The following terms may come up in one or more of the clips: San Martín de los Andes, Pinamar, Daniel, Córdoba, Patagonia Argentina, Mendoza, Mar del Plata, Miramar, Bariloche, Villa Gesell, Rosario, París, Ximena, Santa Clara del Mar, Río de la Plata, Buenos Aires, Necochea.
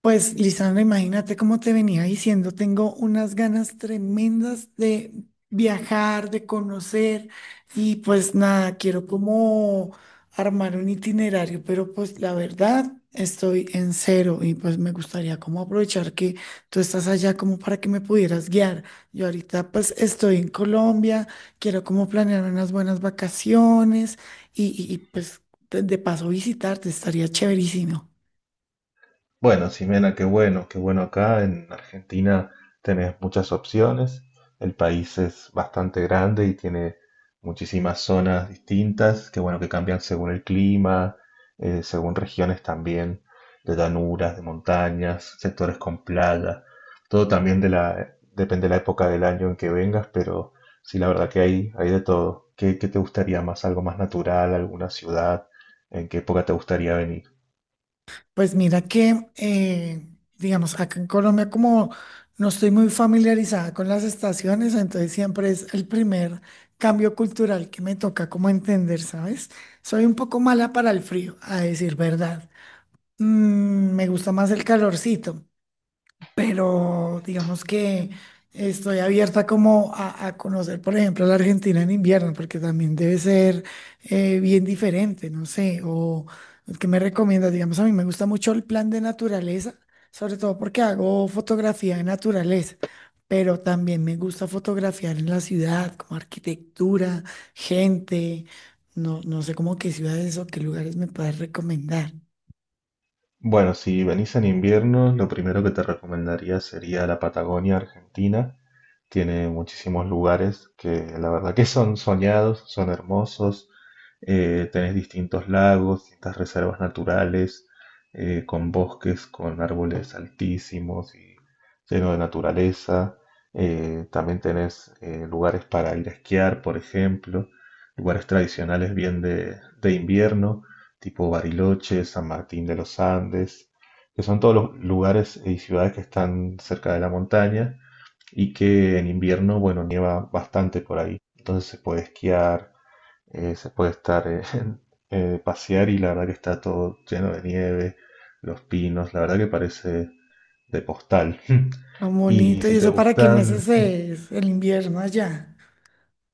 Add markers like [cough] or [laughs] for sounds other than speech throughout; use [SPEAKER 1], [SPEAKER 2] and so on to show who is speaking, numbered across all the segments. [SPEAKER 1] Pues, Lisandra, imagínate cómo te venía diciendo, tengo unas ganas tremendas de viajar, de conocer y pues nada, quiero como armar un itinerario, pero pues la verdad estoy en cero y pues me gustaría como aprovechar que tú estás allá como para que me pudieras guiar. Yo ahorita pues estoy en Colombia, quiero como planear unas buenas vacaciones y pues de paso visitarte, estaría chéverísimo.
[SPEAKER 2] Bueno, Ximena, qué bueno acá en Argentina tenés muchas opciones. El país es bastante grande y tiene muchísimas zonas distintas, qué bueno que cambian según el clima, según regiones también, de llanuras, de montañas, sectores con playa. Todo también de la, depende de la época del año en que vengas, pero sí, la verdad que hay de todo. ¿Qué te gustaría más? ¿Algo más natural? ¿Alguna ciudad? ¿En qué época te gustaría venir?
[SPEAKER 1] Pues mira que, digamos, acá en Colombia como no estoy muy familiarizada con las estaciones, entonces siempre es el primer cambio cultural que me toca como entender, ¿sabes? Soy un poco mala para el frío, a decir verdad. Me gusta más el calorcito, pero digamos que estoy abierta como a conocer, por ejemplo, la Argentina en invierno, porque también debe ser bien diferente, no sé. O ¿qué me recomiendas? Digamos, a mí me gusta mucho el plan de naturaleza, sobre todo porque hago fotografía de naturaleza. Pero también me gusta fotografiar en la ciudad, como arquitectura, gente, no, no sé cómo qué ciudades o qué lugares me puedes recomendar.
[SPEAKER 2] Bueno, si venís en invierno, lo primero que te recomendaría sería la Patagonia Argentina, tiene muchísimos lugares que la verdad que son soñados, son hermosos, tenés distintos lagos, distintas reservas naturales, con bosques, con árboles altísimos y lleno de naturaleza. También tenés lugares para ir a esquiar, por ejemplo, lugares tradicionales bien de invierno, tipo Bariloche, San Martín de los Andes, que son todos los lugares y ciudades que están cerca de la montaña y que en invierno, bueno, nieva bastante por ahí. Entonces se puede esquiar, se puede estar, [laughs] pasear y la verdad que está todo lleno de nieve, los pinos, la verdad que parece de postal. [laughs]
[SPEAKER 1] Tan
[SPEAKER 2] Y
[SPEAKER 1] bonito, ¿y
[SPEAKER 2] si te
[SPEAKER 1] eso para qué
[SPEAKER 2] gustan,
[SPEAKER 1] meses es el invierno allá?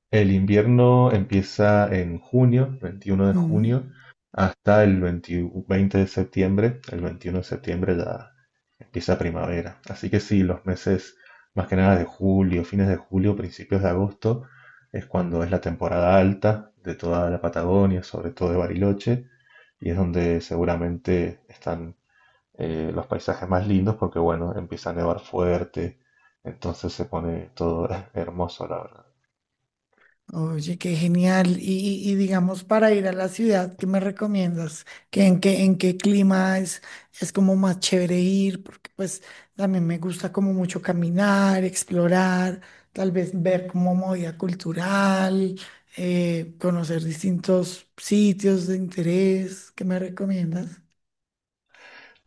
[SPEAKER 2] el invierno empieza en junio, 21 de junio,
[SPEAKER 1] Mm.
[SPEAKER 2] hasta el 20 de septiembre. El 21 de septiembre ya empieza primavera. Así que sí, los meses más que nada de julio, fines de julio, principios de agosto, es cuando es la temporada alta de toda la Patagonia, sobre todo de Bariloche, y es donde seguramente están los paisajes más lindos porque bueno, empieza a nevar fuerte, entonces se pone todo [laughs] hermoso, la verdad.
[SPEAKER 1] Oye, qué genial. Y digamos, para ir a la ciudad, ¿qué me recomiendas? ¿Qué, en qué clima es como más chévere ir? Porque pues también me gusta como mucho caminar, explorar, tal vez ver como movida cultural, conocer distintos sitios de interés. ¿Qué me recomiendas?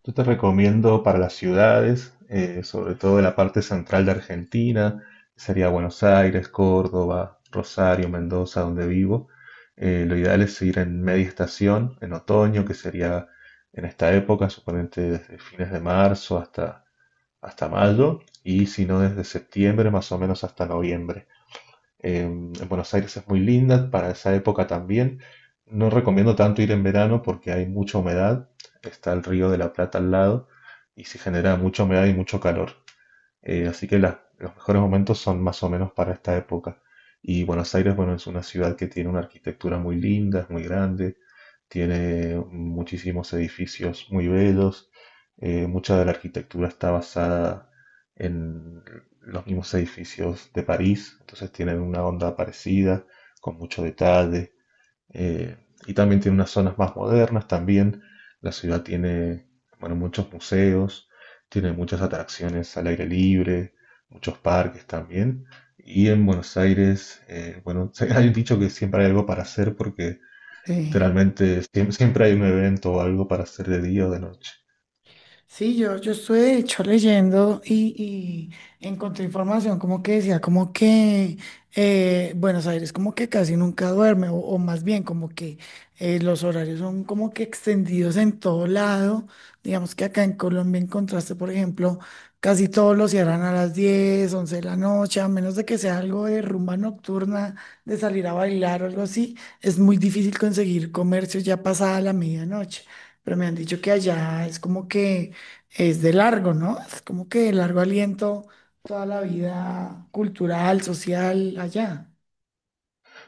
[SPEAKER 2] Yo te recomiendo para las ciudades, sobre todo en la parte central de Argentina, sería Buenos Aires, Córdoba, Rosario, Mendoza, donde vivo. Lo ideal es ir en media estación, en otoño, que sería en esta época, suponete desde fines de marzo hasta mayo, y si no desde septiembre más o menos hasta noviembre. En Buenos Aires es muy linda para esa época también. No recomiendo tanto ir en verano porque hay mucha humedad. Está el Río de la Plata al lado y se genera mucha humedad y mucho calor. Así que los mejores momentos son más o menos para esta época. Y Buenos Aires, bueno, es una ciudad que tiene una arquitectura muy linda, es muy grande, tiene muchísimos edificios muy bellos, mucha de la arquitectura está basada en los mismos edificios de París, entonces tienen una onda parecida, con mucho detalle, eh, y también tiene unas zonas más modernas también, la ciudad tiene, bueno, muchos museos, tiene muchas atracciones al aire libre, muchos parques también, y en Buenos Aires, bueno, [laughs] hay un dicho que siempre hay algo para hacer porque
[SPEAKER 1] Sí.
[SPEAKER 2] literalmente siempre hay un evento o algo para hacer de día o de noche.
[SPEAKER 1] Sí, yo estuve de hecho leyendo y encontré información como que decía, como que Buenos Aires como que casi nunca duerme, o más bien como que los horarios son como que extendidos en todo lado. Digamos que acá en Colombia encontraste, por ejemplo, casi todos los cierran a las 10 11 de la noche, a menos de que sea algo de rumba nocturna, de salir a bailar o algo así, es muy difícil conseguir comercio ya pasada la medianoche. Pero me han dicho que allá es como que es de largo, ¿no? Es como que de largo aliento toda la vida cultural, social, allá.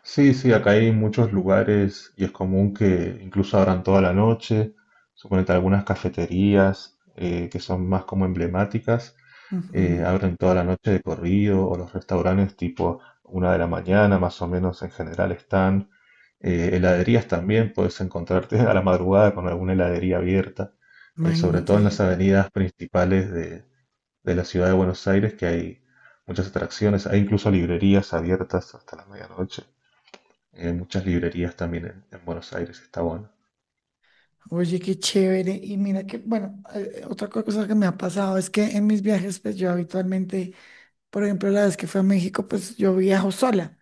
[SPEAKER 2] Sí, sí, acá hay muchos lugares y es común que incluso abran toda la noche. Suponete algunas cafeterías que son más como emblemáticas,
[SPEAKER 1] Ujú.
[SPEAKER 2] abren toda la noche de corrido o los restaurantes tipo una de la mañana más o menos en general están. Heladerías también puedes encontrarte [laughs] a la madrugada con alguna heladería abierta, sobre
[SPEAKER 1] Imagínate.
[SPEAKER 2] todo en las avenidas principales de la ciudad de Buenos Aires, que hay muchas atracciones, hay incluso librerías abiertas hasta la medianoche. Hay muchas librerías también en Buenos Aires, está bueno.
[SPEAKER 1] Oye, qué chévere. Y mira que, bueno, otra cosa que me ha pasado es que en mis viajes, pues yo habitualmente, por ejemplo, la vez que fui a México, pues yo viajo sola.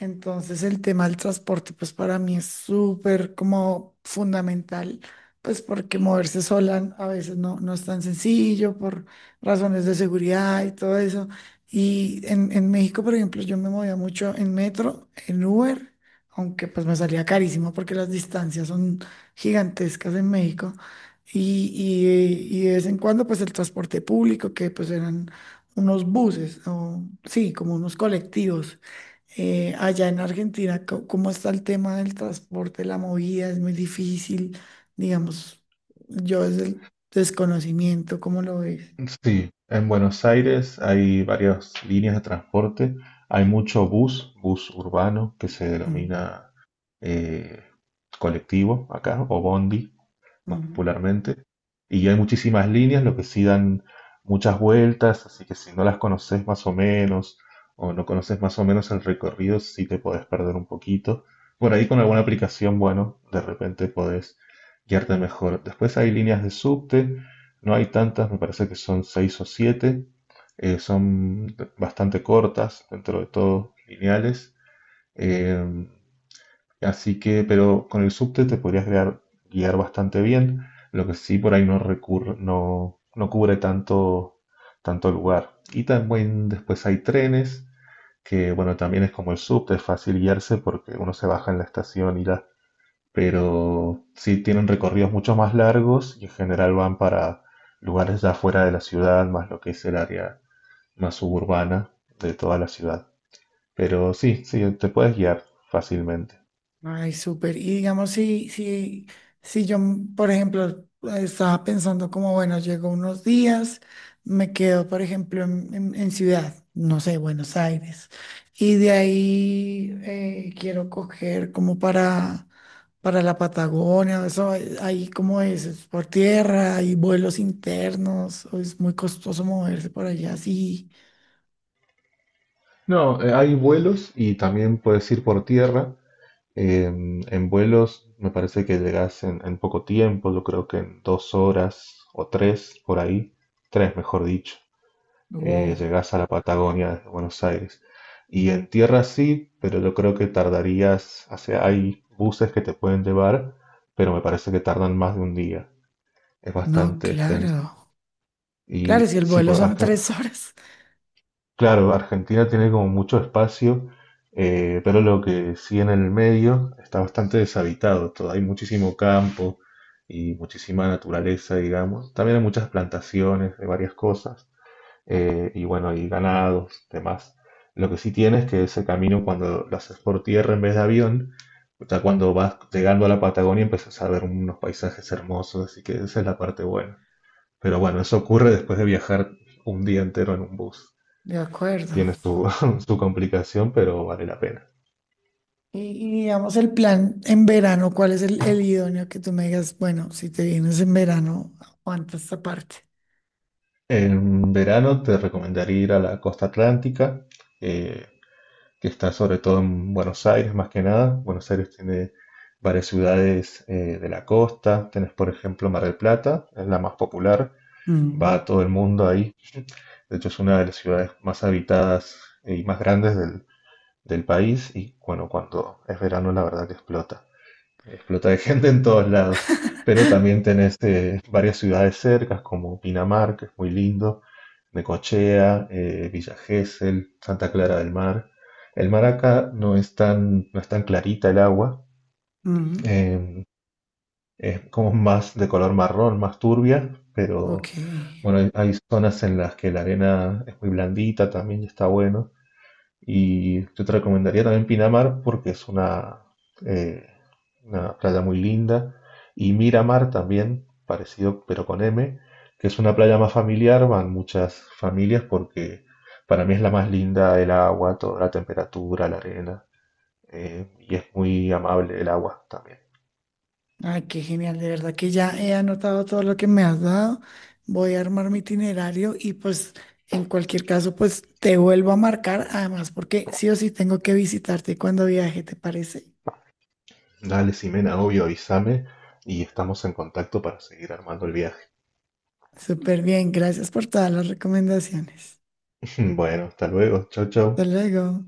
[SPEAKER 1] Entonces el tema del transporte, pues para mí es súper como fundamental, pues porque moverse sola a veces no, no es tan sencillo por razones de seguridad y todo eso. Y en México, por ejemplo, yo me movía mucho en metro, en Uber, aunque pues me salía carísimo porque las distancias son gigantescas en México. Y, y de vez en cuando, pues el transporte público, que pues eran unos buses, o, sí, como unos colectivos. Allá en Argentina, ¿cómo está el tema del transporte, la movida? Es muy difícil, digamos, yo desde el desconocimiento, ¿cómo lo ves?
[SPEAKER 2] Sí, en Buenos Aires hay varias líneas de transporte, hay mucho bus, bus urbano, que se
[SPEAKER 1] Mm,
[SPEAKER 2] denomina eh, colectivo acá, o bondi, más
[SPEAKER 1] mm.
[SPEAKER 2] popularmente. Y hay muchísimas líneas, lo que sí dan muchas vueltas, así que si no las conoces más o menos, o no conoces más o menos el recorrido, sí te podés perder un poquito. Por ahí con alguna aplicación, bueno, de repente podés guiarte mejor. Después hay líneas de subte, no hay tantas, me parece que son seis o siete. Son bastante cortas, dentro de todo, lineales. eh, Así que, pero con el subte te podrías guiar, guiar bastante bien, lo que sí por ahí no recurre, no cubre tanto, tanto lugar. Y también después hay trenes, que bueno, también es como el subte, es fácil guiarse porque uno se baja en la estación y ya. Pero sí tienen recorridos mucho más largos y en general van para lugares ya fuera de la ciudad, más lo que es el área más suburbana de toda la ciudad. Pero sí, sí, te puedes guiar fácilmente.
[SPEAKER 1] Ay, súper. Y digamos, si yo, por ejemplo, estaba pensando como, bueno, llego unos días, me quedo, por ejemplo, en, en ciudad, no sé, Buenos Aires, y de ahí quiero coger como para la Patagonia. Eso, ahí como es, ¿es por tierra, hay vuelos internos, o es muy costoso moverse por allá? Sí.
[SPEAKER 2] No, hay vuelos y también puedes ir por tierra. En vuelos me parece que llegas en poco tiempo, yo creo que en dos horas o tres por ahí, tres mejor dicho,
[SPEAKER 1] Wow.
[SPEAKER 2] llegas a la Patagonia desde Buenos Aires. Y en tierra sí, pero yo creo que tardarías, o sea, hay buses que te pueden llevar, pero me parece que tardan más de un día. Es
[SPEAKER 1] No,
[SPEAKER 2] bastante extenso.
[SPEAKER 1] claro. Claro,
[SPEAKER 2] Y
[SPEAKER 1] si el
[SPEAKER 2] sí,
[SPEAKER 1] vuelo
[SPEAKER 2] porque
[SPEAKER 1] son tres [laughs] horas,
[SPEAKER 2] Claro, Argentina tiene como mucho espacio, pero lo que sí en el medio está bastante deshabitado. Todo, hay muchísimo campo y muchísima naturaleza, digamos. También hay muchas plantaciones de varias cosas y bueno, hay ganados, demás. Lo que sí tiene es que ese camino cuando lo haces por tierra en vez de avión, o sea, cuando vas llegando a la Patagonia empiezas a ver unos paisajes hermosos, así que esa es la parte buena. Pero bueno, eso ocurre después de viajar un día entero en un bus,
[SPEAKER 1] de acuerdo.
[SPEAKER 2] tiene su, [laughs] su complicación, pero vale la pena.
[SPEAKER 1] Y, y digamos, el plan en verano, ¿cuál es el idóneo que tú me digas? Bueno, si te vienes en verano, aguanta esta parte.
[SPEAKER 2] En verano te recomendaría ir a la costa atlántica, eh, que está sobre todo en Buenos Aires más que nada. Buenos Aires tiene varias ciudades de la costa. Tenés, por ejemplo, Mar del Plata, es la más popular, va a
[SPEAKER 1] Mm,
[SPEAKER 2] todo el mundo ahí. De hecho, es una de las ciudades más habitadas y más grandes del país y bueno, cuando es verano la verdad que explota. Explota de [laughs] gente en todos lados, pero también
[SPEAKER 1] [laughs]
[SPEAKER 2] tenés varias ciudades cercas como Pinamar, que es muy lindo, Necochea, Villa Gesell, Santa Clara del Mar. El mar acá no es tan, no es tan clarita el agua,
[SPEAKER 1] mm.
[SPEAKER 2] eh, es como más de color marrón, más turbia, pero
[SPEAKER 1] Ok.
[SPEAKER 2] bueno, hay zonas en las que la arena es muy blandita también y está bueno. Y yo te recomendaría también Pinamar porque es eh, una playa muy linda. Y Miramar también, parecido pero con M, que es una playa más familiar, van muchas familias porque para mí es la más linda el agua, toda la temperatura, la arena. Y es muy amable el agua también.
[SPEAKER 1] Ay, qué genial. De verdad que ya he anotado todo lo que me has dado. Voy a armar mi itinerario y pues en cualquier caso, pues te vuelvo a marcar. Además, porque sí o sí tengo que visitarte cuando viaje, ¿te parece?
[SPEAKER 2] Dale, Simena, obvio, avísame y estamos en contacto para seguir armando el viaje.
[SPEAKER 1] Súper bien. Gracias por todas las recomendaciones.
[SPEAKER 2] [laughs] Bueno, hasta luego. Chau,
[SPEAKER 1] Hasta
[SPEAKER 2] chau.
[SPEAKER 1] luego.